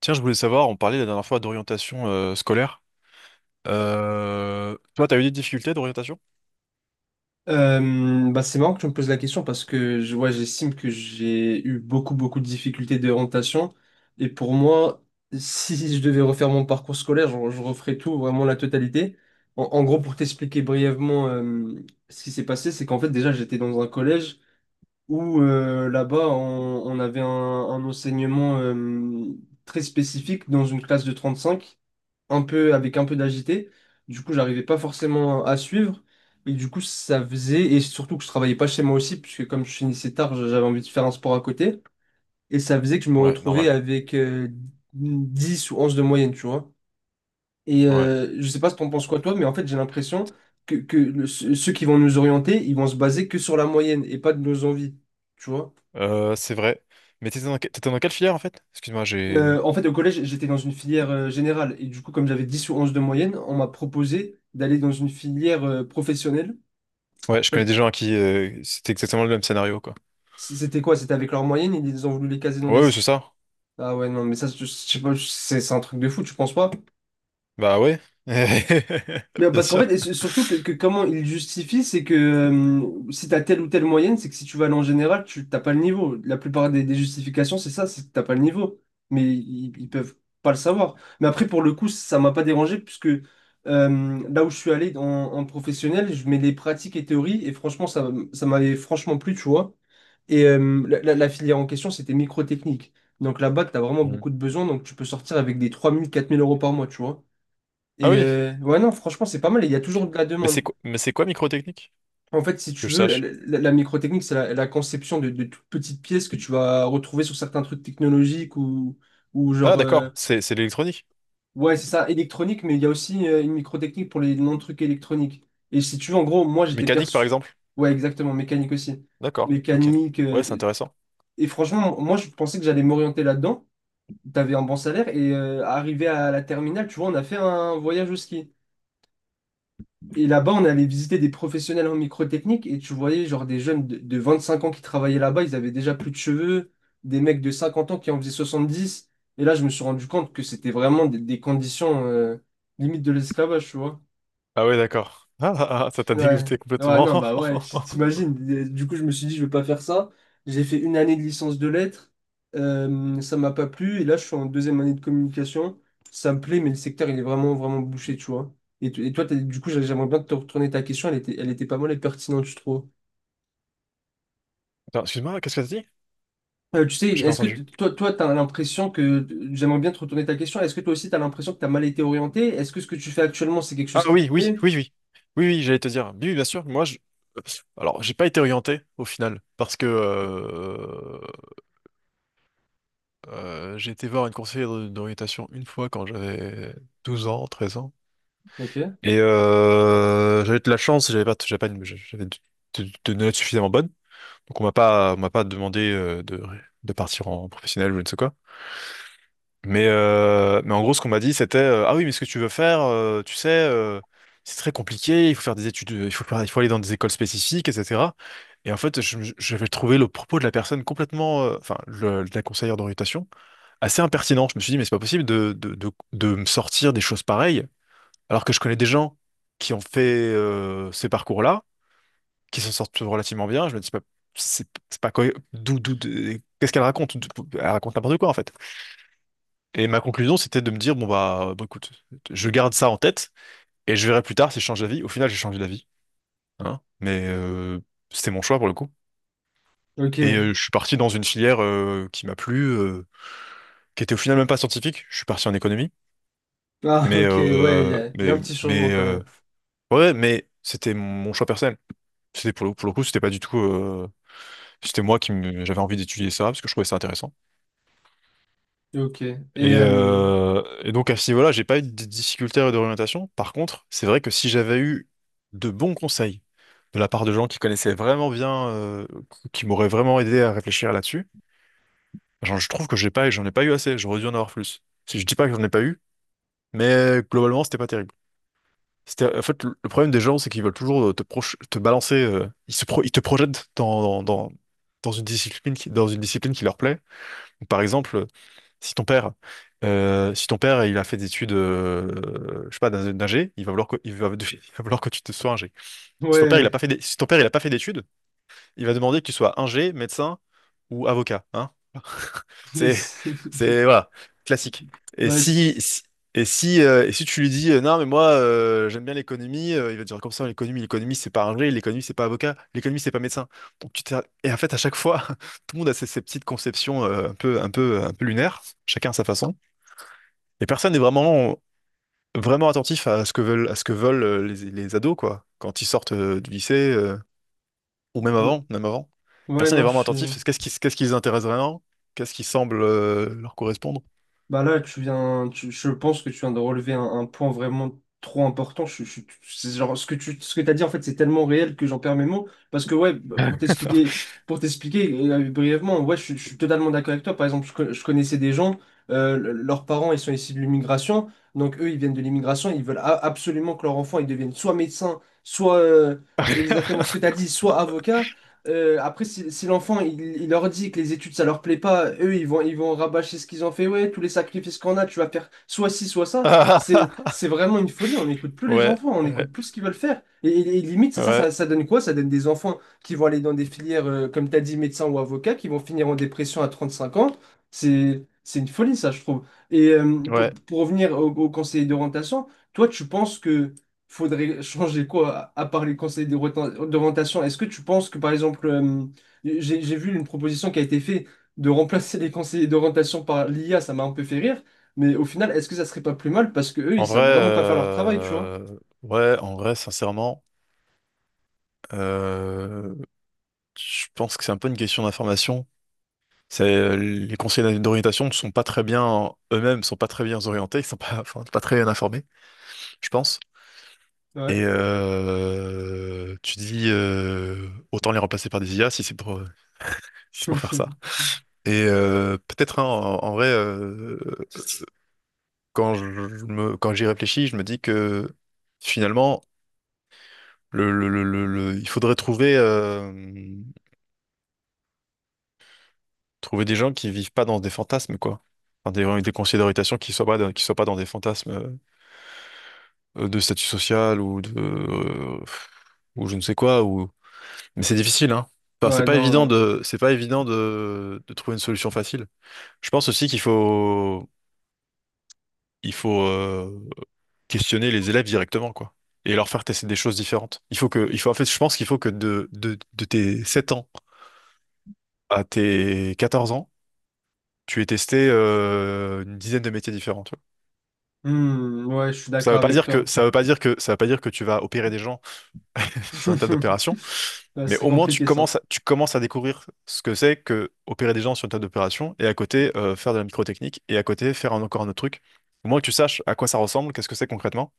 Tiens, je voulais savoir, on parlait la dernière fois d'orientation scolaire. Toi, t'as eu des difficultés d'orientation? Bah c'est marrant que tu me poses la question parce que j'estime que j'ai eu beaucoup de difficultés d'orientation. Et pour moi, si je devais refaire mon parcours scolaire, je referais tout, vraiment la totalité. En gros, pour t'expliquer brièvement ce qui s'est passé, c'est qu'en fait, déjà, j'étais dans un collège où là-bas, on avait un enseignement très spécifique dans une classe de 35 un peu, avec un peu d'agité. Du coup, j'arrivais pas forcément à suivre. Et du coup, ça faisait, et surtout que je travaillais pas chez moi aussi, puisque comme je finissais tard, j'avais envie de faire un sport à côté. Et ça faisait que je me Ouais, retrouvais normal. avec 10 ou 11 de moyenne, tu vois. Ouais, Je sais pas ce que t'en penses quoi, toi, mais en fait, j'ai l'impression ceux qui vont nous orienter, ils vont se baser que sur la moyenne et pas de nos envies, tu vois. c'est vrai. Mais t'étais dans, t'étais dans quelle filière en fait? Excuse-moi, j'ai. En fait, au collège, j'étais dans une filière générale. Et du coup, comme j'avais 10 ou 11 de moyenne, on m'a proposé d'aller dans une filière professionnelle. Ouais, je connais Parce- des gens à qui c'était exactement le même scénario quoi. C'était quoi? C'était avec leur moyenne, ils ont voulu les caser dans Ouais, des... ouais, c'est ça. Ah ouais, non, mais ça, je sais pas, c'est un truc de fou, tu penses pas? Bah ouais. Mais Bien parce qu'en sûr. fait, et surtout que comment ils justifient, c'est que si t'as telle ou telle moyenne, c'est que si tu vas aller en général, tu t'as pas le niveau. La plupart des justifications, c'est ça, c'est que t'as pas le niveau. Mais ils peuvent pas le savoir. Mais après, pour le coup, ça m'a pas dérangé, puisque là où je suis allé en, en professionnel, je mets les pratiques et théories, et franchement, ça m'avait franchement plu, tu vois. La filière en question, c'était microtechnique. Donc là-bas, tu as vraiment Mm. beaucoup de besoins. Donc tu peux sortir avec des 3000 4000 euros par mois, tu vois. Ah oui. Ouais, non, franchement, c'est pas mal. Et il y a toujours de la Mais c'est demande. quoi, mais c'est quoi microtechnique? En fait, si Que tu je veux, sache. La microtechnique, c'est la conception de toutes petites pièces que tu vas retrouver sur certains trucs technologiques ou, ou Ah, genre. euh, d'accord, c'est l'électronique. ouais, c'est ça, électronique, mais il y a aussi une microtechnique pour les non-trucs électroniques. Et si tu veux, en gros, moi, j'étais Mécanique, par perçu. exemple. Ouais, exactement, mécanique aussi. D'accord, ok. Mécanique. Ouais, c'est intéressant. Et franchement, moi, je pensais que j'allais m'orienter là-dedans. T'avais un bon salaire et arrivé à la terminale, tu vois, on a fait un voyage au ski. Et là-bas, on allait visiter des professionnels en microtechnique et tu voyais genre des jeunes de 25 ans qui travaillaient là-bas, ils avaient déjà plus de cheveux, des mecs de 50 ans qui en faisaient 70. Et là, je me suis rendu compte que c'était vraiment des conditions limite de l'esclavage, tu vois. Ah ouais, d'accord. Ah, ah, ah, ça t'a Ouais, dégoûté ouais, complètement. non, bah ouais, t'imagines. Et du coup, je me suis dit, je vais pas faire ça. J'ai fait une année de licence de lettres. Ça m'a pas plu. Et là, je suis en deuxième année de communication. Ça me plaît, mais le secteur, il est vraiment bouché, tu vois. Et toi, du coup, j'aimerais bien te retourner ta question. Elle était pas mal et pertinente, je trouve. Attends, excuse-moi, qu'est-ce que t'as dit? Tu sais, J'ai pas est-ce que entendu. t- toi, toi, t'as l'impression que j'aimerais bien te retourner ta question. Est-ce que toi aussi, t'as l'impression que t'as mal été orienté? Est-ce que ce que tu fais actuellement, c'est quelque Ah chose qui te oui, oui, plaît? oui, oui. Oui, oui, j'allais te dire. Oui, oui, bien sûr, moi, je… Alors, j'ai pas été orienté, au final, parce que j'ai été voir une conseillère d'orientation une fois quand j'avais 12 ans, 13 ans. Ok. Et j'avais de la chance, j'avais pas une- j'avais de, de notes suffisamment bonnes. Donc on m'a pas demandé de partir en professionnel ou je ne sais quoi. Mais en gros, ce qu'on m'a dit, c'était ah oui, mais ce que tu veux faire, tu sais, c'est très compliqué, il faut faire des études, il faut aller dans des écoles spécifiques, etc. Et en fait, j'avais trouvé le propos de la personne complètement, enfin, de la conseillère d'orientation, assez impertinent. Je me suis dit, mais c'est pas possible de me sortir des choses pareilles. Alors que je connais des gens qui ont fait ces parcours-là, qui s'en sortent relativement bien. Je me dis c'est pas qu'est-ce qu'elle raconte? Elle raconte n'importe quoi en fait. Et ma conclusion, c'était de me dire, bon, écoute, je garde ça en tête et je verrai plus tard si je change d'avis. Au final, j'ai changé d'avis, hein, mais c'était mon choix pour le coup. Ok. Et je suis parti dans une filière qui m'a plu, qui était au final même pas scientifique. Je suis parti en économie, Ah, mais ok. Ouais, euh, y a mais un petit mais changement quand euh, même. ouais, mais c'était mon choix personnel. C'était pour le coup, c'était pas du tout. C'était moi qui me- j'avais envie d'étudier ça parce que je trouvais ça intéressant. Ok. Euh, Et donc à ce niveau-là, j'ai pas eu de difficultés d'orientation. Par contre, c'est vrai que si j'avais eu de bons conseils de la part de gens qui connaissaient vraiment bien, qui m'auraient vraiment aidé à réfléchir là-dessus, genre, je trouve que j'en ai pas eu assez. J'aurais dû en avoir plus. Si je dis pas que j'en ai pas eu, mais globalement, c'était pas terrible. En fait, le problème des gens, c'est qu'ils veulent toujours te balancer. Ils te projettent dans, dans une discipline dans une discipline qui leur plaît. Donc, par exemple, si ton père, si ton père il a fait des études, je sais pas, d'ingé, il va vouloir que, il va, il va vouloir que tu te sois ingé. Si ton père il a pas ouais, fait, si ton père il a pas fait d'études, il va demander que tu sois ingé, médecin ou avocat, hein. les... C'est, c'est, voilà, classique. Et bah, si, c'est- si- et si, et si tu lui dis, non, mais moi, j'aime bien l'économie, il va te dire comme ça, l'économie, c'est pas ingé, l'économie, c'est pas avocat, l'économie, c'est pas médecin. Donc, tu t'es- et en fait, à chaque fois, tout le monde a ses, ses petites conceptions, un peu lunaires, chacun à sa façon. Et personne n'est vraiment attentif à ce que veulent, à ce que veulent les ados, quoi, quand ils sortent, du lycée, Bah, même avant. ouais, Personne n'est non, vraiment je... attentif. Qu'est-ce qui les intéresse vraiment? Qu'est-ce qui semble, leur correspondre? Bah là, je pense que tu viens de relever un point vraiment trop important. C'est genre, ce que t'as dit, en fait, c'est tellement réel que j'en perds mes mots. Parce que, ouais, bah, pour t'expliquer brièvement, ouais, je suis totalement d'accord avec toi. Par exemple, je connaissais des gens, leurs parents, ils sont issus de l'immigration. Donc, eux, ils viennent de l'immigration. Ils veulent absolument que leur enfant, ils deviennent soit médecin, soit exactement ce que tu as dit, soit avocat. Après, si l'enfant il leur dit que les études ça leur plaît pas, eux ils vont rabâcher ce qu'ils ont fait. Ouais, tous les sacrifices qu'on a, tu vas faire soit ci, soit ça. C'est Ah, c'est vraiment une folie. On n'écoute plus les ouais, enfants, on ouais, n'écoute plus ce qu'ils veulent faire. Et limite, ouais, ça donne quoi? Ça donne des enfants qui vont aller dans des filières, comme tu as dit, médecin ou avocat, qui vont finir en dépression à 35 ans. C'est une folie, ça, je trouve. Ouais. Pour revenir au conseiller d'orientation, toi, tu penses que faudrait changer quoi, à part les conseils d'orientation? Est-ce que tu penses que, par exemple, j'ai vu une proposition qui a été faite de remplacer les conseillers d'orientation par l'IA, ça m'a un peu fait rire, mais au final, est-ce que ça serait pas plus mal parce que eux, En ils vrai, savent vraiment pas faire leur travail, tu vois? euh, ouais, en vrai, sincèrement, euh, je pense que c'est un peu une question d'information. C'est les conseillers d'orientation ne sont pas très bien eux-mêmes, ne sont pas très bien orientés, ils sont pas, enfin, pas très bien informés, je pense. Et Ouais. Tu dis autant les remplacer par des IA si c'est pour si c'est pour faire ça. Et peut-être hein, en vrai, quand je quand j'y réfléchis, je me dis que finalement, il faudrait trouver, trouver des gens qui vivent pas dans des fantasmes, quoi. Enfin, des, vraiment des considérations qui soient pas qui soient pas dans des fantasmes de statut social ou de, ou je ne sais quoi, ou… Mais c'est difficile, hein. Enfin, Ouais, non. C'est pas évident de trouver une solution facile. Je pense aussi qu'il faut, il faut, questionner les élèves directement, quoi. Et leur faire tester des choses différentes. Il faut que, il faut, en fait, je pense qu'il faut que de tes 7 ans à tes 14 ans, tu aies testé une 10aine de métiers différents, tu vois. Hmm, ouais, je suis Ça veut d'accord pas avec dire que, toi. ça veut pas dire que, ça veut pas dire que tu vas opérer des gens sur un tas d'opérations, Ouais, ce mais serait au moins compliqué ça. Tu commences à découvrir ce que c'est que opérer des gens sur une tas d'opérations et à côté faire de la microtechnique et à côté faire encore un autre truc. Au moins que tu saches à quoi ça ressemble, qu'est-ce que c'est concrètement.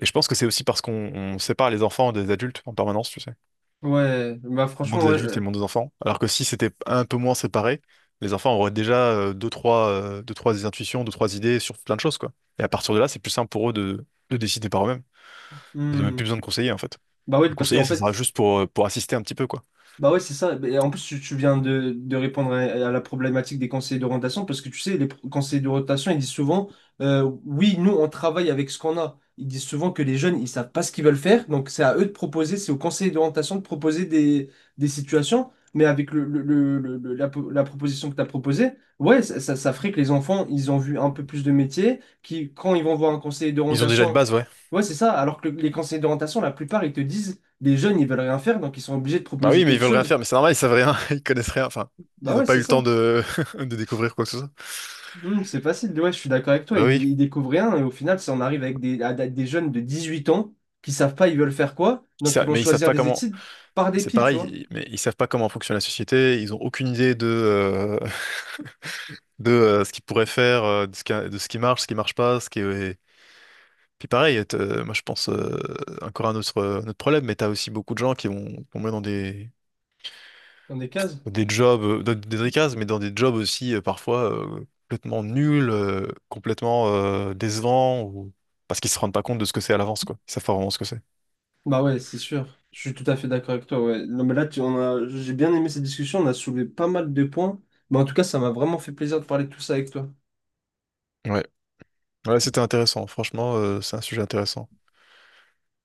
Et je pense que c'est aussi parce qu'on on sépare les enfants des adultes en permanence, tu sais. Ouais, bah Le monde franchement, des ouais. adultes et euh, le monde des enfants. Alors que si c'était un peu moins séparé, les enfants auraient déjà deux, trois intuitions, deux, trois idées sur plein de choses, quoi. Et à partir de là, c'est plus simple pour eux de décider par eux-mêmes. Ils n'ont même hmm. plus besoin de conseiller, en fait. Bah oui, Le parce conseiller, qu'en ça fait. sera juste pour assister un petit peu, quoi. Bah ouais, c'est ça. Bah, et en plus, tu viens de répondre à la problématique des conseillers d'orientation parce que tu sais, conseillers d'orientation, ils disent souvent, oui, nous, on travaille avec ce qu'on a. Ils disent souvent que les jeunes, ils savent pas ce qu'ils veulent faire. Donc, c'est à eux de proposer, c'est aux conseillers d'orientation de proposer des situations. Mais avec la proposition que tu as proposée, ouais, ça ferait que les enfants, ils ont vu un peu plus de métiers, qui, quand ils vont voir un conseiller Ils ont déjà une d'orientation, base, ouais. ouais, c'est ça. Alors que les conseillers d'orientation, la plupart, ils te disent, les jeunes, ils veulent rien faire, donc ils sont obligés de Bah proposer oui, mais ils quelque veulent rien chose. faire, mais c'est normal, ils savent rien, ils connaissent rien, enfin, ils Bah n'ont ouais, pas eu c'est le temps ça. de… de découvrir quoi que ce soit. Hmm, c'est facile. Ouais, je suis d'accord avec toi. Bah oui, Ils découvrent rien et au final, ça en arrive avec des, à des jeunes de 18 ans qui savent pas ils veulent faire quoi, donc ils vont mais ils savent choisir pas des comment, études par c'est dépit, tu vois, pareil, mais ils savent pas comment fonctionne la société, ils ont aucune idée de, de ce qu'ils pourraient faire, de ce qui… de ce qui marche pas, ce qui est… Puis pareil, moi je pense encore à un autre, un problème, mais t'as aussi beaucoup de gens qui vont tomber dans dans des cases. des jobs, dans des tricases, mais dans des jobs aussi parfois complètement nuls, complètement décevants, ou… parce qu'ils se rendent pas compte de ce que c'est à l'avance, quoi. Ils savent pas vraiment ce que c'est. Bah ouais, c'est sûr. Je suis tout à fait d'accord avec toi. Ouais. Non, mais là, j'ai bien aimé cette discussion. On a soulevé pas mal de points. Mais en tout cas, ça m'a vraiment fait plaisir de parler de tout ça avec toi. Ouais, ouais, c'était intéressant. Franchement, c'est un sujet intéressant.